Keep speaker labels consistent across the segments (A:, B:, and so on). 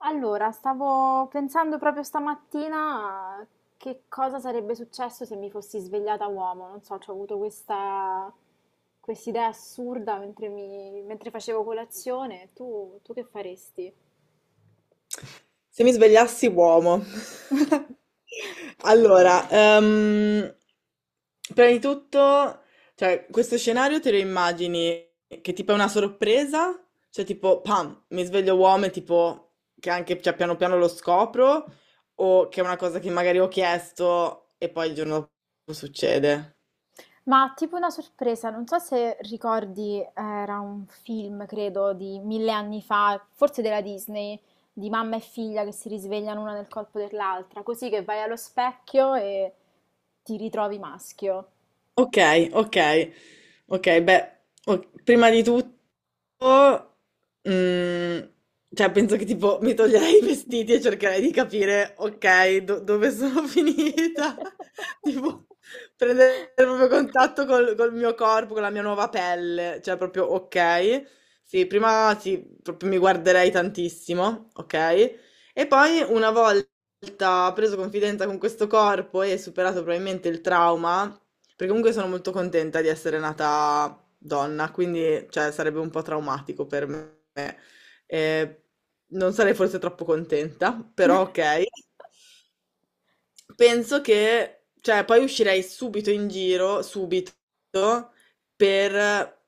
A: Allora, stavo pensando proprio stamattina a che cosa sarebbe successo se mi fossi svegliata uomo. Non so, ho avuto questa idea assurda mentre, mentre facevo colazione. Tu che faresti?
B: Se mi svegliassi uomo. Allora, ehm, prima di tutto, questo scenario te lo immagini che tipo è una sorpresa? Cioè tipo, pam, mi sveglio uomo e tipo che anche piano piano lo scopro o che è una cosa che magari ho chiesto e poi il giorno dopo succede?
A: Ma tipo una sorpresa, non so se ricordi, era un film, credo, di mille anni fa, forse della Disney, di mamma e figlia che si risvegliano una nel corpo dell'altra, così che vai allo specchio e ti ritrovi maschio.
B: Ok, ok, ok, beh, prima di tutto... Mm, penso che tipo mi toglierei i vestiti e cercherei di capire, ok, dove sono finita. Tipo, prendere proprio contatto col mio corpo, con la mia nuova pelle. Cioè, proprio, ok. Sì, prima sì, proprio mi guarderei tantissimo, ok? E poi una volta preso confidenza con questo corpo e superato probabilmente il trauma, perché comunque sono molto contenta di essere nata donna, quindi cioè, sarebbe un po' traumatico per me. Eh, non sarei forse troppo contenta, però ok. Penso che, cioè, poi uscirei subito in giro, subito, per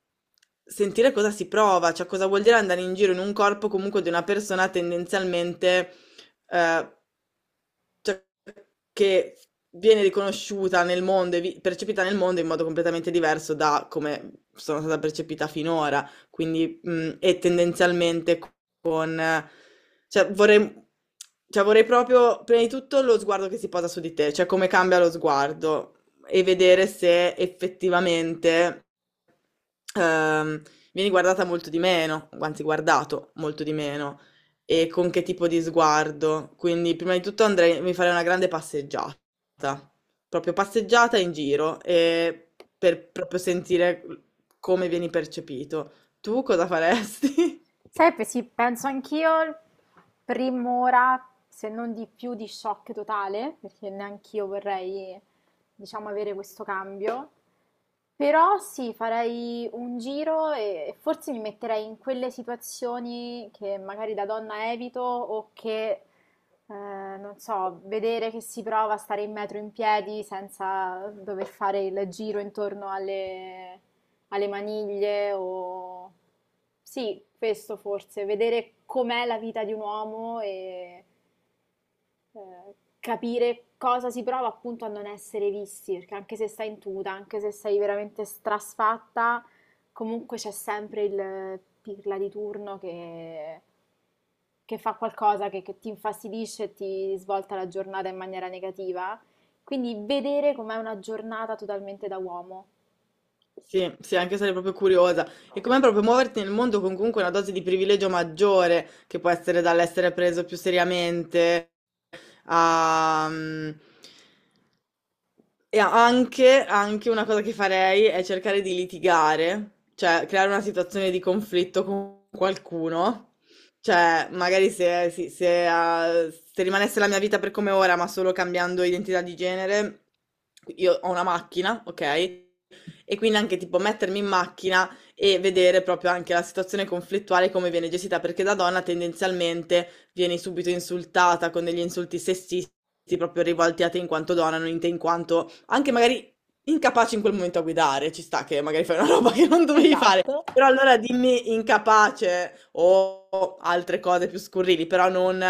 B: sentire cosa si prova, cioè cosa vuol dire andare in giro in un corpo comunque di una persona tendenzialmente eh, cioè, che viene riconosciuta nel mondo e percepita nel mondo in modo completamente diverso da come sono stata percepita finora, quindi e tendenzialmente con... eh, cioè vorrei, cioè vorrei proprio, prima di tutto, lo sguardo che si posa su di te, cioè come cambia lo sguardo e vedere se effettivamente ehm, vieni guardata molto di meno, anzi guardato molto di meno e con che tipo di sguardo. Quindi, prima di tutto andrei, mi farei una grande passeggiata, proprio passeggiata in giro, e per proprio sentire come vieni percepito. Tu cosa faresti?
A: Sai, sì, penso anch'io, prim'ora, se non di più, di shock totale, perché neanch'io vorrei, diciamo, avere questo cambio. Però sì, farei un giro e forse mi metterei in quelle situazioni che magari da donna evito o che, eh, non so, vedere che si prova a stare in metro in piedi senza dover fare il giro intorno alle maniglie o... Sì, questo forse, vedere com'è la vita di un uomo e capire cosa si prova appunto a non essere visti, perché anche se stai in tuta, anche se sei veramente strasfatta, comunque c'è sempre il pirla di turno che fa qualcosa che ti infastidisce e ti svolta la giornata in maniera negativa. Quindi vedere com'è una giornata totalmente da uomo.
B: Sì, sì, anche sarei proprio curiosa. E com'è proprio muoverti nel mondo con comunque una dose di privilegio maggiore, che può essere dall'essere preso più seriamente a... mm, E anche, anche una cosa che farei è cercare di litigare, cioè creare una situazione di conflitto con qualcuno. Cioè, magari se, si- se, ah, se rimanesse la mia vita per come ora, ma solo cambiando identità di genere, io ho una macchina, ok? E quindi anche tipo mettermi in macchina e vedere proprio anche la situazione conflittuale come viene gestita, perché da donna tendenzialmente vieni subito insultata con degli insulti sessisti, proprio rivolti a te in quanto donna, non in te in quanto anche magari incapace in quel momento a guidare, ci sta che magari fai una roba che non dovevi fare,
A: Esatto.
B: però allora dimmi incapace o altre cose più scurrili, però non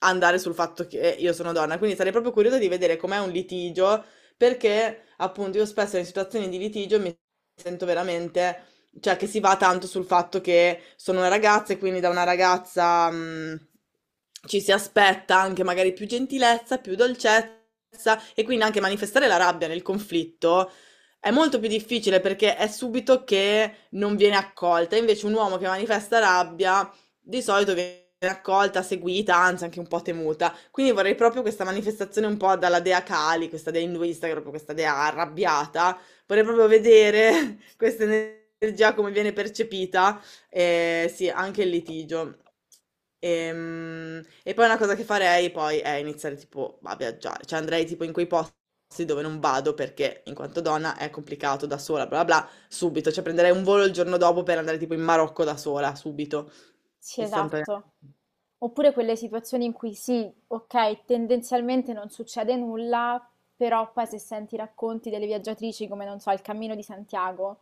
B: andare sul fatto che io sono donna. Quindi sarei proprio curiosa di vedere com'è un litigio, perché appunto io spesso in situazioni di litigio mi sento veramente cioè che si va tanto sul fatto che sono una ragazza e quindi da una ragazza ci si aspetta anche magari più gentilezza, più dolcezza e quindi anche manifestare la rabbia nel conflitto è molto più difficile perché è subito che non viene accolta, invece un uomo che manifesta rabbia di solito viene accolta, seguita, anzi anche un po' temuta. Quindi vorrei proprio questa manifestazione un po' dalla dea Kali, questa dea induista, che è proprio questa dea arrabbiata, vorrei proprio vedere questa energia come viene percepita, e sì, anche il litigio. E poi una cosa che farei poi è iniziare tipo a viaggiare, cioè andrei tipo in quei posti dove non vado perché in quanto donna è complicato da sola, bla bla bla, subito, cioè prenderei un volo il giorno dopo per andare tipo in Marocco da sola, subito,
A: Sì,
B: istantaneamente.
A: esatto. Oppure quelle situazioni in cui sì, ok, tendenzialmente non succede nulla, però poi se senti i racconti delle viaggiatrici, come non so, il Cammino di Santiago,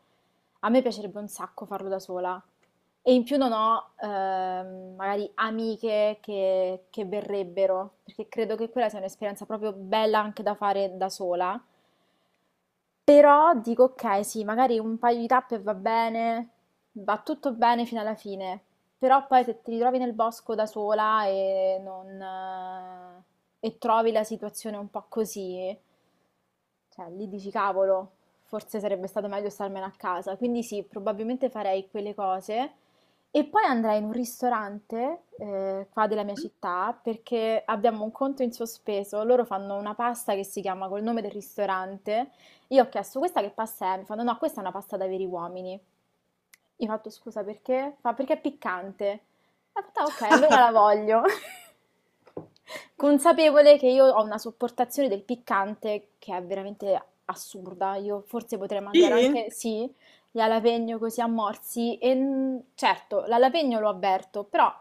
A: a me piacerebbe un sacco farlo da sola. E in più non ho magari amiche che verrebbero, perché credo che quella sia un'esperienza proprio bella anche da fare da sola. Però dico: "Okay, sì, magari un paio di tappe va bene, va tutto bene fino alla fine". Però poi se ti ritrovi nel bosco da sola e non e trovi la situazione un po' così, cioè lì dici: "Cavolo, forse sarebbe stato meglio starmene a casa". Quindi sì, probabilmente farei quelle cose e poi andrei in un ristorante, qua della mia città, perché abbiamo un conto in sospeso. Loro fanno una pasta che si chiama col nome del ristorante. Io ho chiesto: questa che pasta è? Mi fanno: no, no, questa è una pasta da veri uomini. Io ho fatto: scusa perché? Fa: perché è piccante. E ho fatto: "Ah, ok, allora la voglio". Consapevole che io ho una sopportazione del piccante che è veramente assurda. Io forse potrei mangiare
B: Sì,
A: anche, sì, gli alapegno così a morsi. E certo, l'alapegno lo avverto, però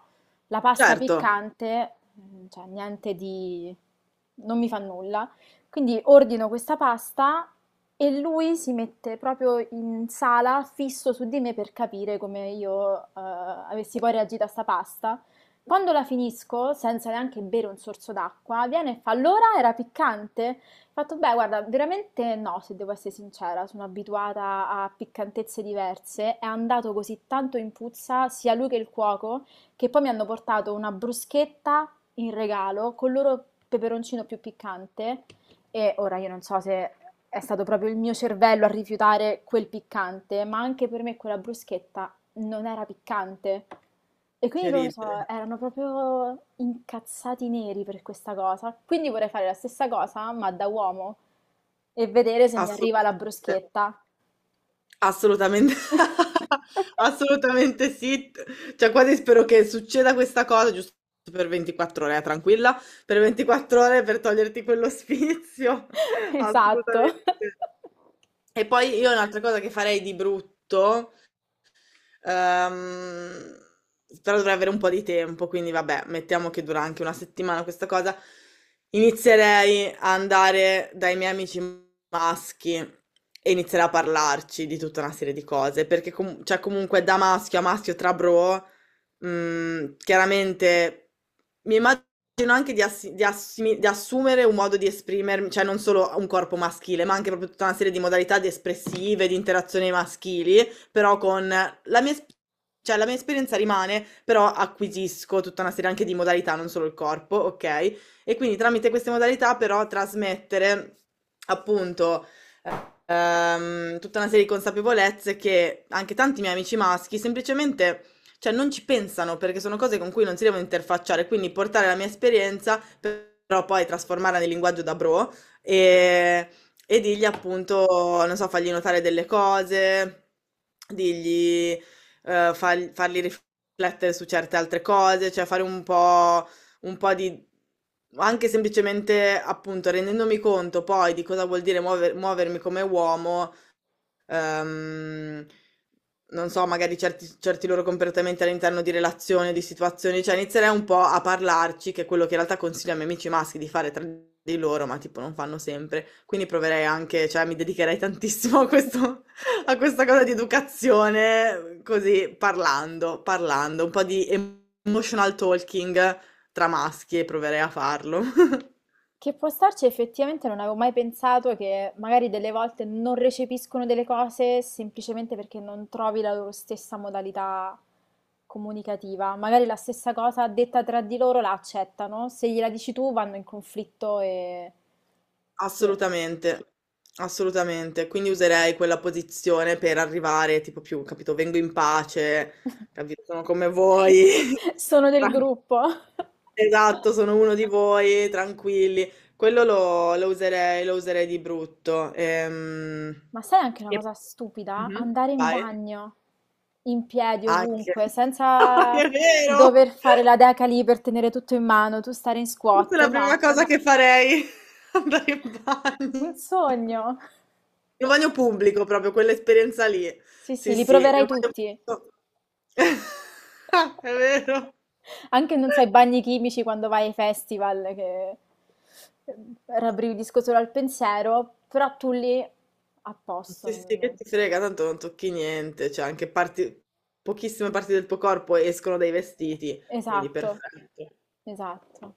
A: la pasta
B: certo,
A: piccante, mm, cioè niente di... non mi fa nulla. Quindi ordino questa pasta e lui si mette proprio in sala, fisso su di me per capire come io avessi poi reagito a sta pasta. Quando la finisco, senza neanche bere un sorso d'acqua, viene e fa: allora era piccante? Ho fatto: beh, guarda, veramente no, se devo essere sincera, sono abituata a piccantezze diverse. È andato così tanto in puzza, sia lui che il cuoco, che poi mi hanno portato una bruschetta in regalo con il loro peperoncino più piccante. E ora io non so se è stato proprio il mio cervello a rifiutare quel piccante, ma anche per me quella bruschetta non era piccante. E quindi
B: che
A: loro so,
B: ridere,
A: erano proprio incazzati neri per questa cosa. Quindi vorrei fare la stessa cosa, ma da uomo, e vedere se mi arriva la
B: assolutamente,
A: bruschetta.
B: assolutamente, assolutamente sì, cioè quasi spero che succeda questa cosa giusto per 24 ore, tranquilla, per 24 ore per toglierti quello spizio,
A: Esatto.
B: assolutamente. E poi io un'altra cosa che farei di brutto Ehm, però dovrei avere un po' di tempo, quindi vabbè, mettiamo che dura anche una settimana questa cosa. Inizierei a andare dai miei amici maschi e inizierei a parlarci di tutta una serie di cose, perché comunque da maschio a maschio tra bro, chiaramente mi immagino anche di assumere un modo di esprimermi, cioè non solo un corpo maschile, ma anche proprio tutta una serie di modalità di espressive, di interazioni maschili però con la la mia esperienza rimane, però acquisisco tutta una serie anche di modalità, non solo il corpo, ok? E quindi tramite queste modalità però trasmettere appunto tutta una serie di consapevolezze che anche tanti miei amici maschi semplicemente, cioè, non ci pensano perché sono cose con cui non si devono interfacciare, quindi portare la mia esperienza, però poi trasformarla nel linguaggio da bro e, e dirgli appunto, non so, fargli notare delle cose, dirgli, fargli riflettere su certe altre cose, cioè fare un po' un po' di... anche semplicemente appunto rendendomi conto poi di cosa vuol dire muovermi come uomo ehm, non so, magari certi loro comportamenti all'interno di relazioni, di situazioni, cioè inizierei un po' a parlarci, che è quello che in realtà consiglio ai miei amici maschi di fare tra di loro, ma tipo non fanno sempre. Quindi proverei anche, cioè mi dedicherei tantissimo a questo, a questa cosa di educazione, così parlando, parlando, un po' di emotional talking tra maschi e proverei a farlo.
A: Che può starci. Effettivamente non avevo mai pensato che magari delle volte non recepiscono delle cose semplicemente perché non trovi la loro stessa modalità comunicativa. Magari la stessa cosa detta tra di loro la accettano, se gliela dici tu vanno in conflitto e... Sì.
B: Assolutamente, assolutamente. Quindi userei quella posizione per arrivare tipo più, capito, vengo in pace, capito, sono come voi.
A: Sono del
B: Tran-
A: gruppo.
B: Esatto, sono uno di voi, tranquilli. Quello lo userei di brutto.
A: Ma sai anche una
B: E...
A: cosa stupida?
B: Mhm.
A: Andare in
B: Vai.
A: bagno in piedi
B: Anche.
A: ovunque, senza
B: È vero!
A: dover fare la deca lì per tenere tutto in mano, tu stare in
B: Questa è
A: squat,
B: la prima
A: no.
B: cosa che farei, andare in
A: Un
B: bagno.
A: sogno.
B: In un bagno pubblico proprio, quell'esperienza lì.
A: Sì, sì,
B: Sì,
A: li
B: sì, in un
A: proverai
B: bagno
A: tutti.
B: pubblico. È vero.
A: Anche, non so, i bagni chimici quando vai ai festival, che eh, rabbrividisco solo al pensiero, però tu lì a posto.
B: Sì, sì, che ti frega, tanto non tocchi niente, cioè anche parti, pochissime parti del tuo corpo escono dai vestiti, quindi
A: Esatto,
B: perfetto.
A: esatto.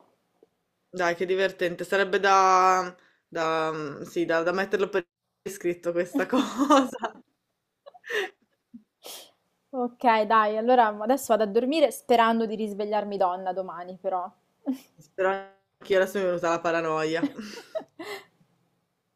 B: Dai, che divertente, sarebbe da, da, sì, da, da metterlo per iscritto questa cosa.
A: Okay, dai, allora adesso vado a dormire sperando di risvegliarmi donna domani però.
B: Spero anche io adesso mi è venuta la paranoia.